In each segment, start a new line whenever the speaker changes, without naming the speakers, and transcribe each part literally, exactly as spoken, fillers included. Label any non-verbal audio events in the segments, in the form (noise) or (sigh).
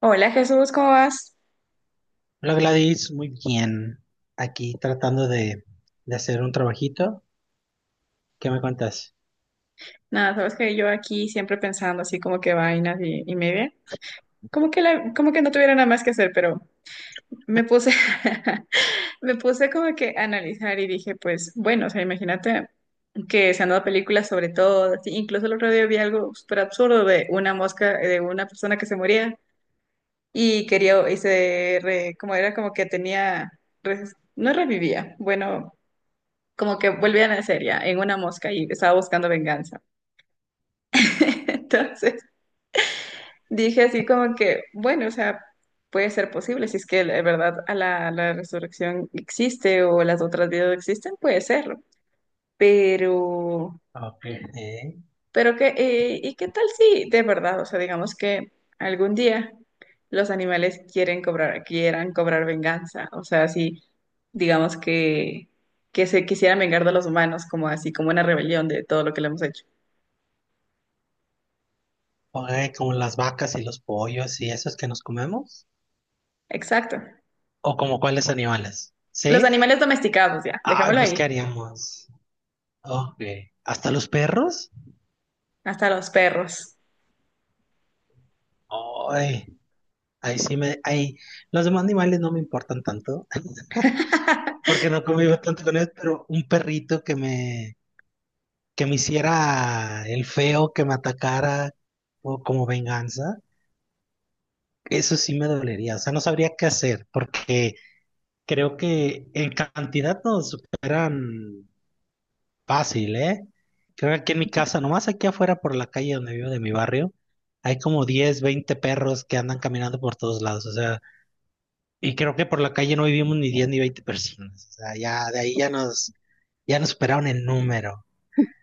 Hola Jesús, ¿cómo vas?
Hola Gladys, muy bien. Aquí tratando de, de hacer un trabajito. ¿Qué me cuentas?
Nada, sabes que yo aquí siempre pensando así como que vainas y, y media, como que, la- como que no tuviera nada más que hacer, pero me puse, (laughs) me puse como que a analizar y dije, pues bueno, o sea, imagínate que se han dado películas sobre todo, así, incluso el otro día vi algo súper absurdo de una mosca, de una persona que se moría y quería, y se, re- como era como que tenía, res- no revivía, bueno, como que volvía a nacer ya en una mosca y estaba buscando venganza. (laughs) Entonces dije así como que, bueno, o sea, puede ser posible, si es que de verdad a la, la resurrección existe o las otras vidas existen, puede serlo. Pero,
Ok. Eh,
pero que, eh, ¿y qué tal si de verdad, o sea, digamos que algún día los animales quieren cobrar, quieran cobrar venganza, o sea, si digamos que, que se quisieran vengar de los humanos, como así, como una rebelión de todo lo que le hemos hecho.
ok, como las vacas y los pollos y esos que nos comemos.
Exacto.
¿O como cuáles animales?
Los
¿Sí?
animales domesticados, ya,
Ay,
dejémoslo
pues
ahí.
¿qué haríamos? Ok. ¿Hasta los perros?
Hasta los perros.
Ay, ahí sí me... Ahí, los demás animales no me importan tanto (laughs)
(laughs)
porque no convivo tanto con ellos, pero un perrito que me, que me hiciera el feo, que me atacara o como venganza. Eso sí me dolería, o sea, no sabría qué hacer, porque creo que en cantidad nos superan fácil, ¿eh? Creo que aquí en mi casa, nomás aquí afuera por la calle donde vivo de mi barrio, hay como diez, veinte perros que andan caminando por todos lados, o sea, y creo que por la calle no vivimos ni diez ni veinte personas, o sea, ya de ahí ya nos, ya nos superaron en número.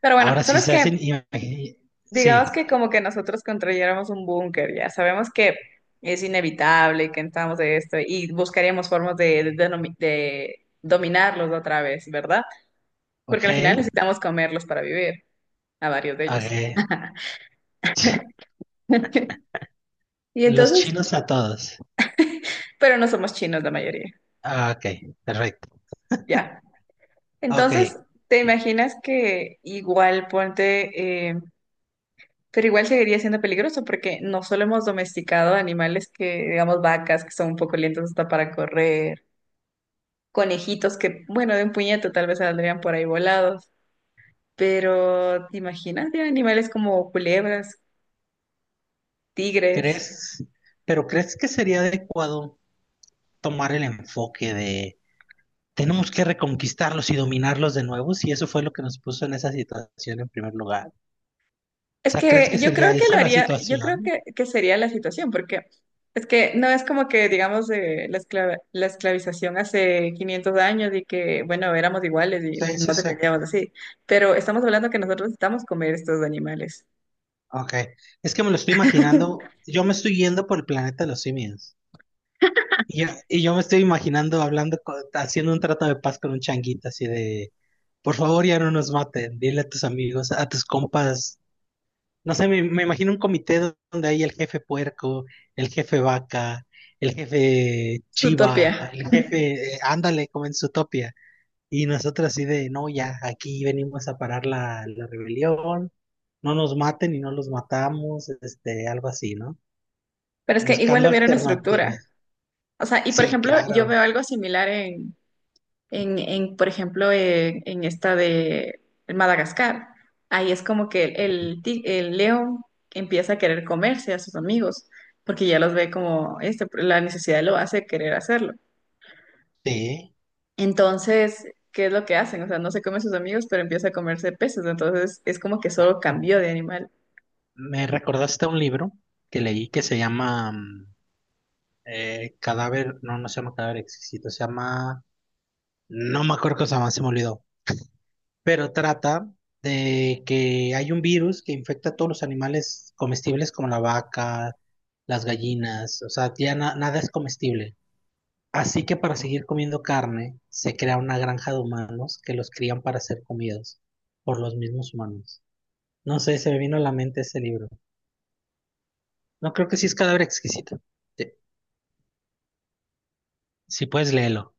Pero bueno,
Ahora sí
¿sabes
se
qué?
hacen, imagi-
Digamos
sí,
que como que nosotros construyéramos un búnker, ya sabemos que es inevitable que entramos de esto y buscaríamos formas de, de denomi- de dominarlos otra vez, ¿verdad? Porque
ok,
al final necesitamos comerlos para vivir, a varios de ellos.
ok.
(laughs) Y
Los
entonces,
chinos a todos.
pero no somos chinos la mayoría,
Ah, ok, perfecto.
ya.
Ok,
Entonces, ¿te imaginas que igual ponte... eh, Pero igual seguiría siendo peligroso porque no solo hemos domesticado animales que, digamos, vacas que son un poco lentas hasta para correr, conejitos que, bueno, de un puñete tal vez saldrían por ahí volados, pero ¿te imaginas de animales como culebras, tigres?
¿Crees, pero ¿crees que sería adecuado tomar el enfoque de tenemos que reconquistarlos y dominarlos de nuevo si eso fue lo que nos puso en esa situación en primer lugar? O
Es
sea, ¿crees que
que yo
sería
creo que
esa
lo
la
haría, yo creo
situación?
que, que sería la situación porque es que no es como que, digamos, eh, la esclava- la esclavización hace quinientos años y que, bueno, éramos iguales y
Sí, sí,
no
sí.
dependíamos así, pero estamos hablando que nosotros necesitamos comer estos animales.
Ok. Es que me lo estoy
(laughs)
imaginando, yo me estoy yendo por el planeta de los simios. Y yo, y yo me estoy imaginando hablando, con- haciendo un trato de paz con un changuito así de, por favor ya no nos maten, dile a tus amigos, a tus compas. No sé, me, me imagino un comité donde hay el jefe puerco, el jefe vaca, el jefe chiva,
Utopía.
el jefe, eh, ándale, como en Zootopia. Y nosotros así de, no, ya, aquí venimos a parar la, la rebelión, no nos maten y no los matamos, este, algo así, ¿no?
Pero es que igual
Buscando
hubiera una estructura.
alternativas.
O sea, y por
Sí,
ejemplo, yo veo
claro,
algo similar en, en, en, por ejemplo, en, en esta de Madagascar. Ahí es como que el, ti- el león empieza a querer comerse a sus amigos, porque ya los ve como este, la necesidad lo hace querer hacerlo.
sí.
Entonces, ¿qué es lo que hacen? O sea, no se come a sus amigos, pero empieza a comerse peces. Entonces, es como que solo cambió de animal.
Me recordaste a un libro que leí que se llama mm, eh, Cadáver, no, no se llama Cadáver Exquisito, se llama, no me acuerdo cosa más, se me olvidó. Pero trata de que hay un virus que infecta a todos los animales comestibles como la vaca, las gallinas, o sea, ya na- nada es comestible. Así que para seguir comiendo carne, se crea una granja de humanos que los crían para ser comidos por los mismos humanos. No sé, se me vino a la mente ese libro. No creo que sí es cadáver exquisito. Sí, si puedes, léelo.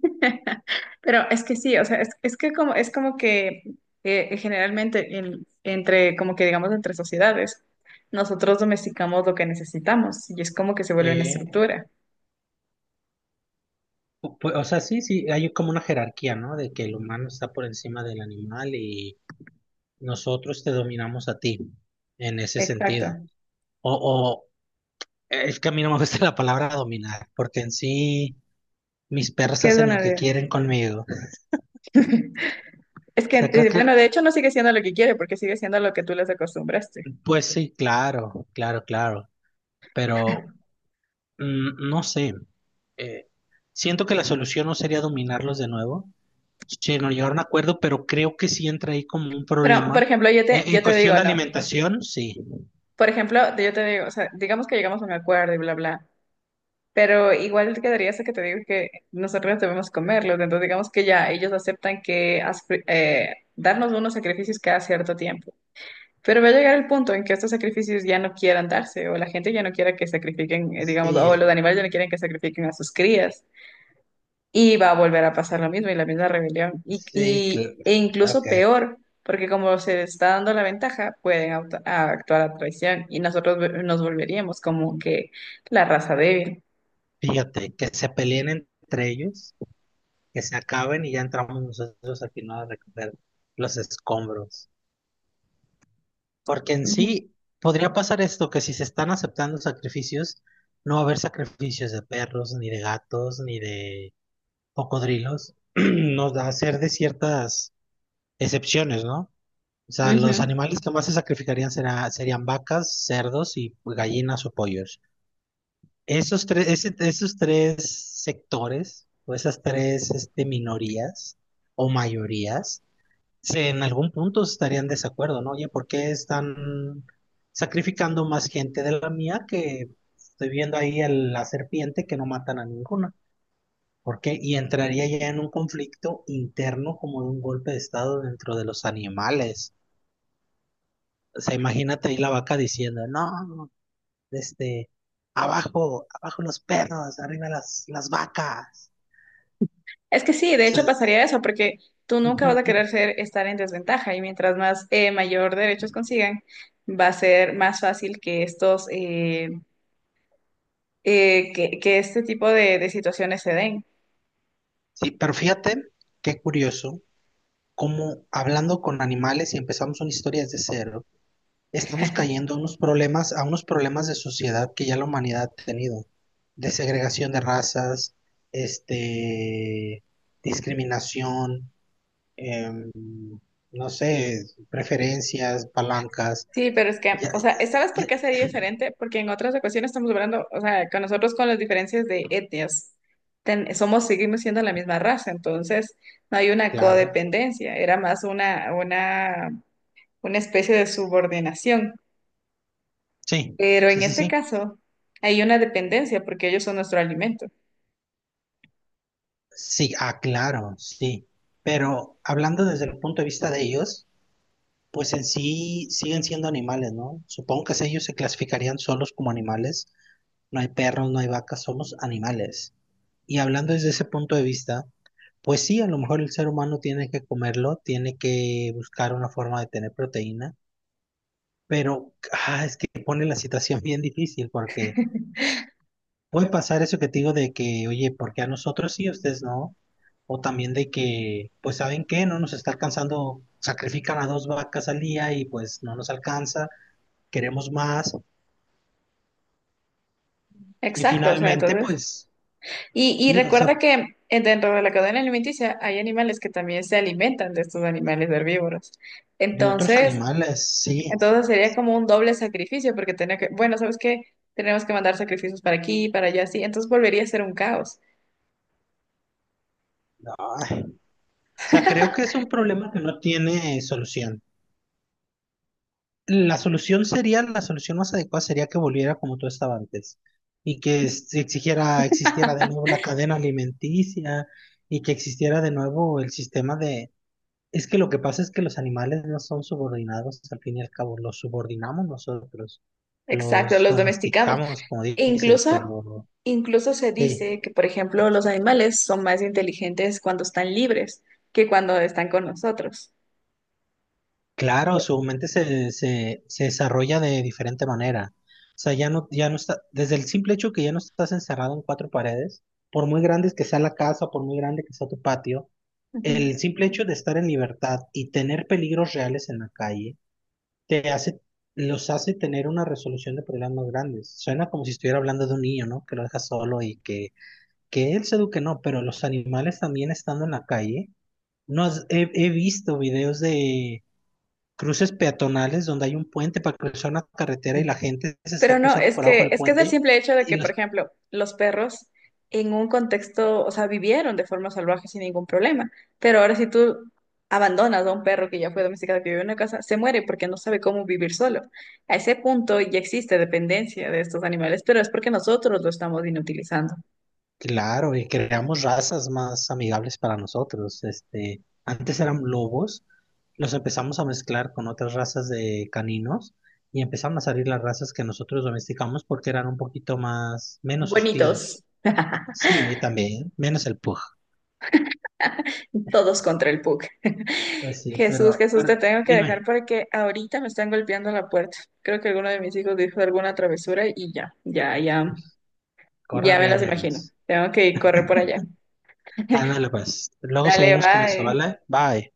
(laughs) Pero es que sí, o sea, es, es que como, es como que eh, generalmente en- entre, como que digamos, entre sociedades, nosotros domesticamos lo que necesitamos y es como que se vuelve una
Eh,
estructura.
pu- pu- o sea, sí, sí, hay como una jerarquía, ¿no? De que el humano está por encima del animal y nosotros te dominamos a ti en ese sentido.
Exacto.
O, o es que a mí no me gusta la palabra dominar, porque en sí mis
Es que
persas
es
hacen lo
una
que
idea.
quieren conmigo. O
(laughs) Es que,
sea, creo
eh,
que,
bueno, de hecho no sigue siendo lo que quiere porque sigue siendo lo que tú les acostumbraste.
pues sí, claro, claro, claro. Pero mm, no sé. Eh, siento que la solución no sería dominarlos de nuevo, sino llegar a un acuerdo, pero creo que sí entra ahí como un
Pero, por
problema.
ejemplo, yo te,
En, en
yo te
cuestión
digo,
de
no.
alimentación, sí.
Por ejemplo, yo te digo, o sea, digamos que llegamos a un acuerdo y bla, bla. Pero igual quedaría eso que te digo que nosotros debemos comerlos, entonces digamos que ya ellos aceptan que as- eh, darnos unos sacrificios cada cierto tiempo. Pero va a llegar el punto en que estos sacrificios ya no quieran darse, o la gente ya no quiera que sacrifiquen, eh, digamos, o los
Sí,
animales ya no quieren que sacrifiquen a sus crías. Y va a volver a pasar lo mismo y la misma rebelión. Y,
sí,
y-
claro.
e incluso peor, porque como se está dando la ventaja, pueden auto- a- actuar a traición y nosotros nos volveríamos como que la raza débil.
Fíjate, que se peleen entre ellos, que se acaben y ya entramos nosotros al final a recoger los escombros. Porque en
Ujú.
sí podría pasar esto, que si se están aceptando sacrificios, no va a haber sacrificios de perros, ni de gatos, ni de cocodrilos. (clears throat) Nos da hacer de ciertas excepciones, ¿no? O sea,
Ujú.
los animales que más se sacrificarían será, serían vacas, cerdos y gallinas o pollos. Esos tres, ese- esos tres sectores o esas tres este, minorías o mayorías, se- en algún punto estarían en desacuerdo, ¿no? Oye, ¿por qué están sacrificando más gente de la mía que estoy viendo ahí a la serpiente que no matan a ninguna? ¿Por qué? Y entraría ya en un conflicto interno como de un golpe de estado dentro de los animales. O sea, imagínate ahí la vaca diciendo, no, este, abajo, abajo los perros, arriba las, las vacas.
Es que sí, de hecho
Se-
pasaría eso, porque tú nunca vas a
Ujú.
querer ser, estar en desventaja y mientras más eh, mayor derechos consigan, va a ser más fácil que estos, eh, eh, que, que este tipo de, de situaciones se den.
Sí, pero fíjate, qué curioso, cómo hablando con animales y empezamos una historia desde cero, estamos cayendo a unos problemas, a unos problemas de sociedad que ya la humanidad ha tenido, de segregación de razas, este, discriminación, em, no sé, preferencias, palancas,
Sí, pero es que,
ya,
o sea, ¿sabes por
ya-
qué sería diferente? Porque en otras ocasiones estamos hablando, o sea, con nosotros con las diferencias de etnias, ten- somos, seguimos siendo la misma raza, entonces no hay una
claro,
codependencia, era más una, una, una especie de subordinación.
sí,
Pero
sí,
en
sí,
este
sí.
caso hay una dependencia porque ellos son nuestro alimento.
Sí, ah, claro, sí. Pero hablando desde el punto de vista de ellos, pues en sí siguen siendo animales, ¿no? Supongo que ellos se clasificarían solos como animales. No hay perros, no hay vacas, somos animales. Y hablando desde ese punto de vista, pues sí, a lo mejor el ser humano tiene que comerlo, tiene que buscar una forma de tener proteína, pero ah, es que pone la situación (laughs) bien difícil porque puede pasar eso que te digo de que, oye, ¿por qué a nosotros sí, a ustedes no? O también de que, pues, ¿saben qué? No nos está alcanzando, sacrifican a dos vacas al día y pues no nos alcanza, queremos más. Y
Exacto, o sea,
finalmente,
entonces.
pues,
Y, y
sí, o sea,
recuerda que eh, dentro de la cadena alimenticia hay animales que también se alimentan de estos animales herbívoros.
de otros
Entonces,
animales, sí.
entonces sería como un doble sacrificio porque tenía que, bueno, ¿sabes qué? Tenemos que mandar sacrificios para aquí, para allá, sí. Entonces volvería a ser un caos.
Ay, o sea, creo que es un problema que no tiene solución. La solución sería, la solución más adecuada sería que volviera como tú estaba antes y que es- exigiera, existiera de nuevo la cadena alimenticia y que existiera de nuevo el sistema de... Es que lo que pasa es que los animales no son subordinados, al fin y al cabo, los subordinamos nosotros,
Exacto,
los
los domesticamos.
domesticamos, como
E
dices,
incluso,
pero
incluso se
sí,
dice que, por ejemplo, los animales son más inteligentes cuando están libres que cuando están con nosotros.
claro, su mente se, se, se desarrolla de diferente manera. O sea, ya no, ya no está, desde el simple hecho que ya no estás encerrado en cuatro paredes, por muy grandes que sea la casa, por muy grande que sea tu patio,
Ujú.
el simple hecho de estar en libertad y tener peligros reales en la calle, te hace, los hace tener una resolución de problemas más grandes. Suena como si estuviera hablando de un niño, ¿no? Que lo deja solo y que, que él se eduque, no, pero los animales también estando en la calle, no has- he he visto videos de cruces peatonales donde hay un puente para cruzar una carretera y la gente se
Pero
está
no,
cruzando
es
por abajo
que,
del
es que es el
puente
simple hecho de
y
que, por
los
ejemplo, los perros en un contexto, o sea, vivieron de forma salvaje sin ningún problema. Pero ahora si tú abandonas a un perro que ya fue domesticado, que vive en una casa, se muere porque no sabe cómo vivir solo. A ese punto ya existe dependencia de estos animales, pero es porque nosotros lo estamos inutilizando.
claro, y creamos razas más amigables para nosotros. Este, antes eran lobos, los empezamos a mezclar con otras razas de caninos y empezaron a salir las razas que nosotros domesticamos porque eran un poquito más menos hostiles.
Bonitos.
Sí, también, menos el pug.
Todos contra el P U C. (laughs)
Pues sí,
Jesús,
pero,
Jesús, te
pero
tengo que dejar
dime,
porque ahorita me están golpeando la puerta. Creo que alguno de mis hijos dijo alguna travesura y ya, ya, ya,
corre a
ya me las imagino.
regañarnos.
Tengo que correr por allá.
Ándale pues, luego
Dale,
seguimos con esto,
bye.
¿vale? Bye.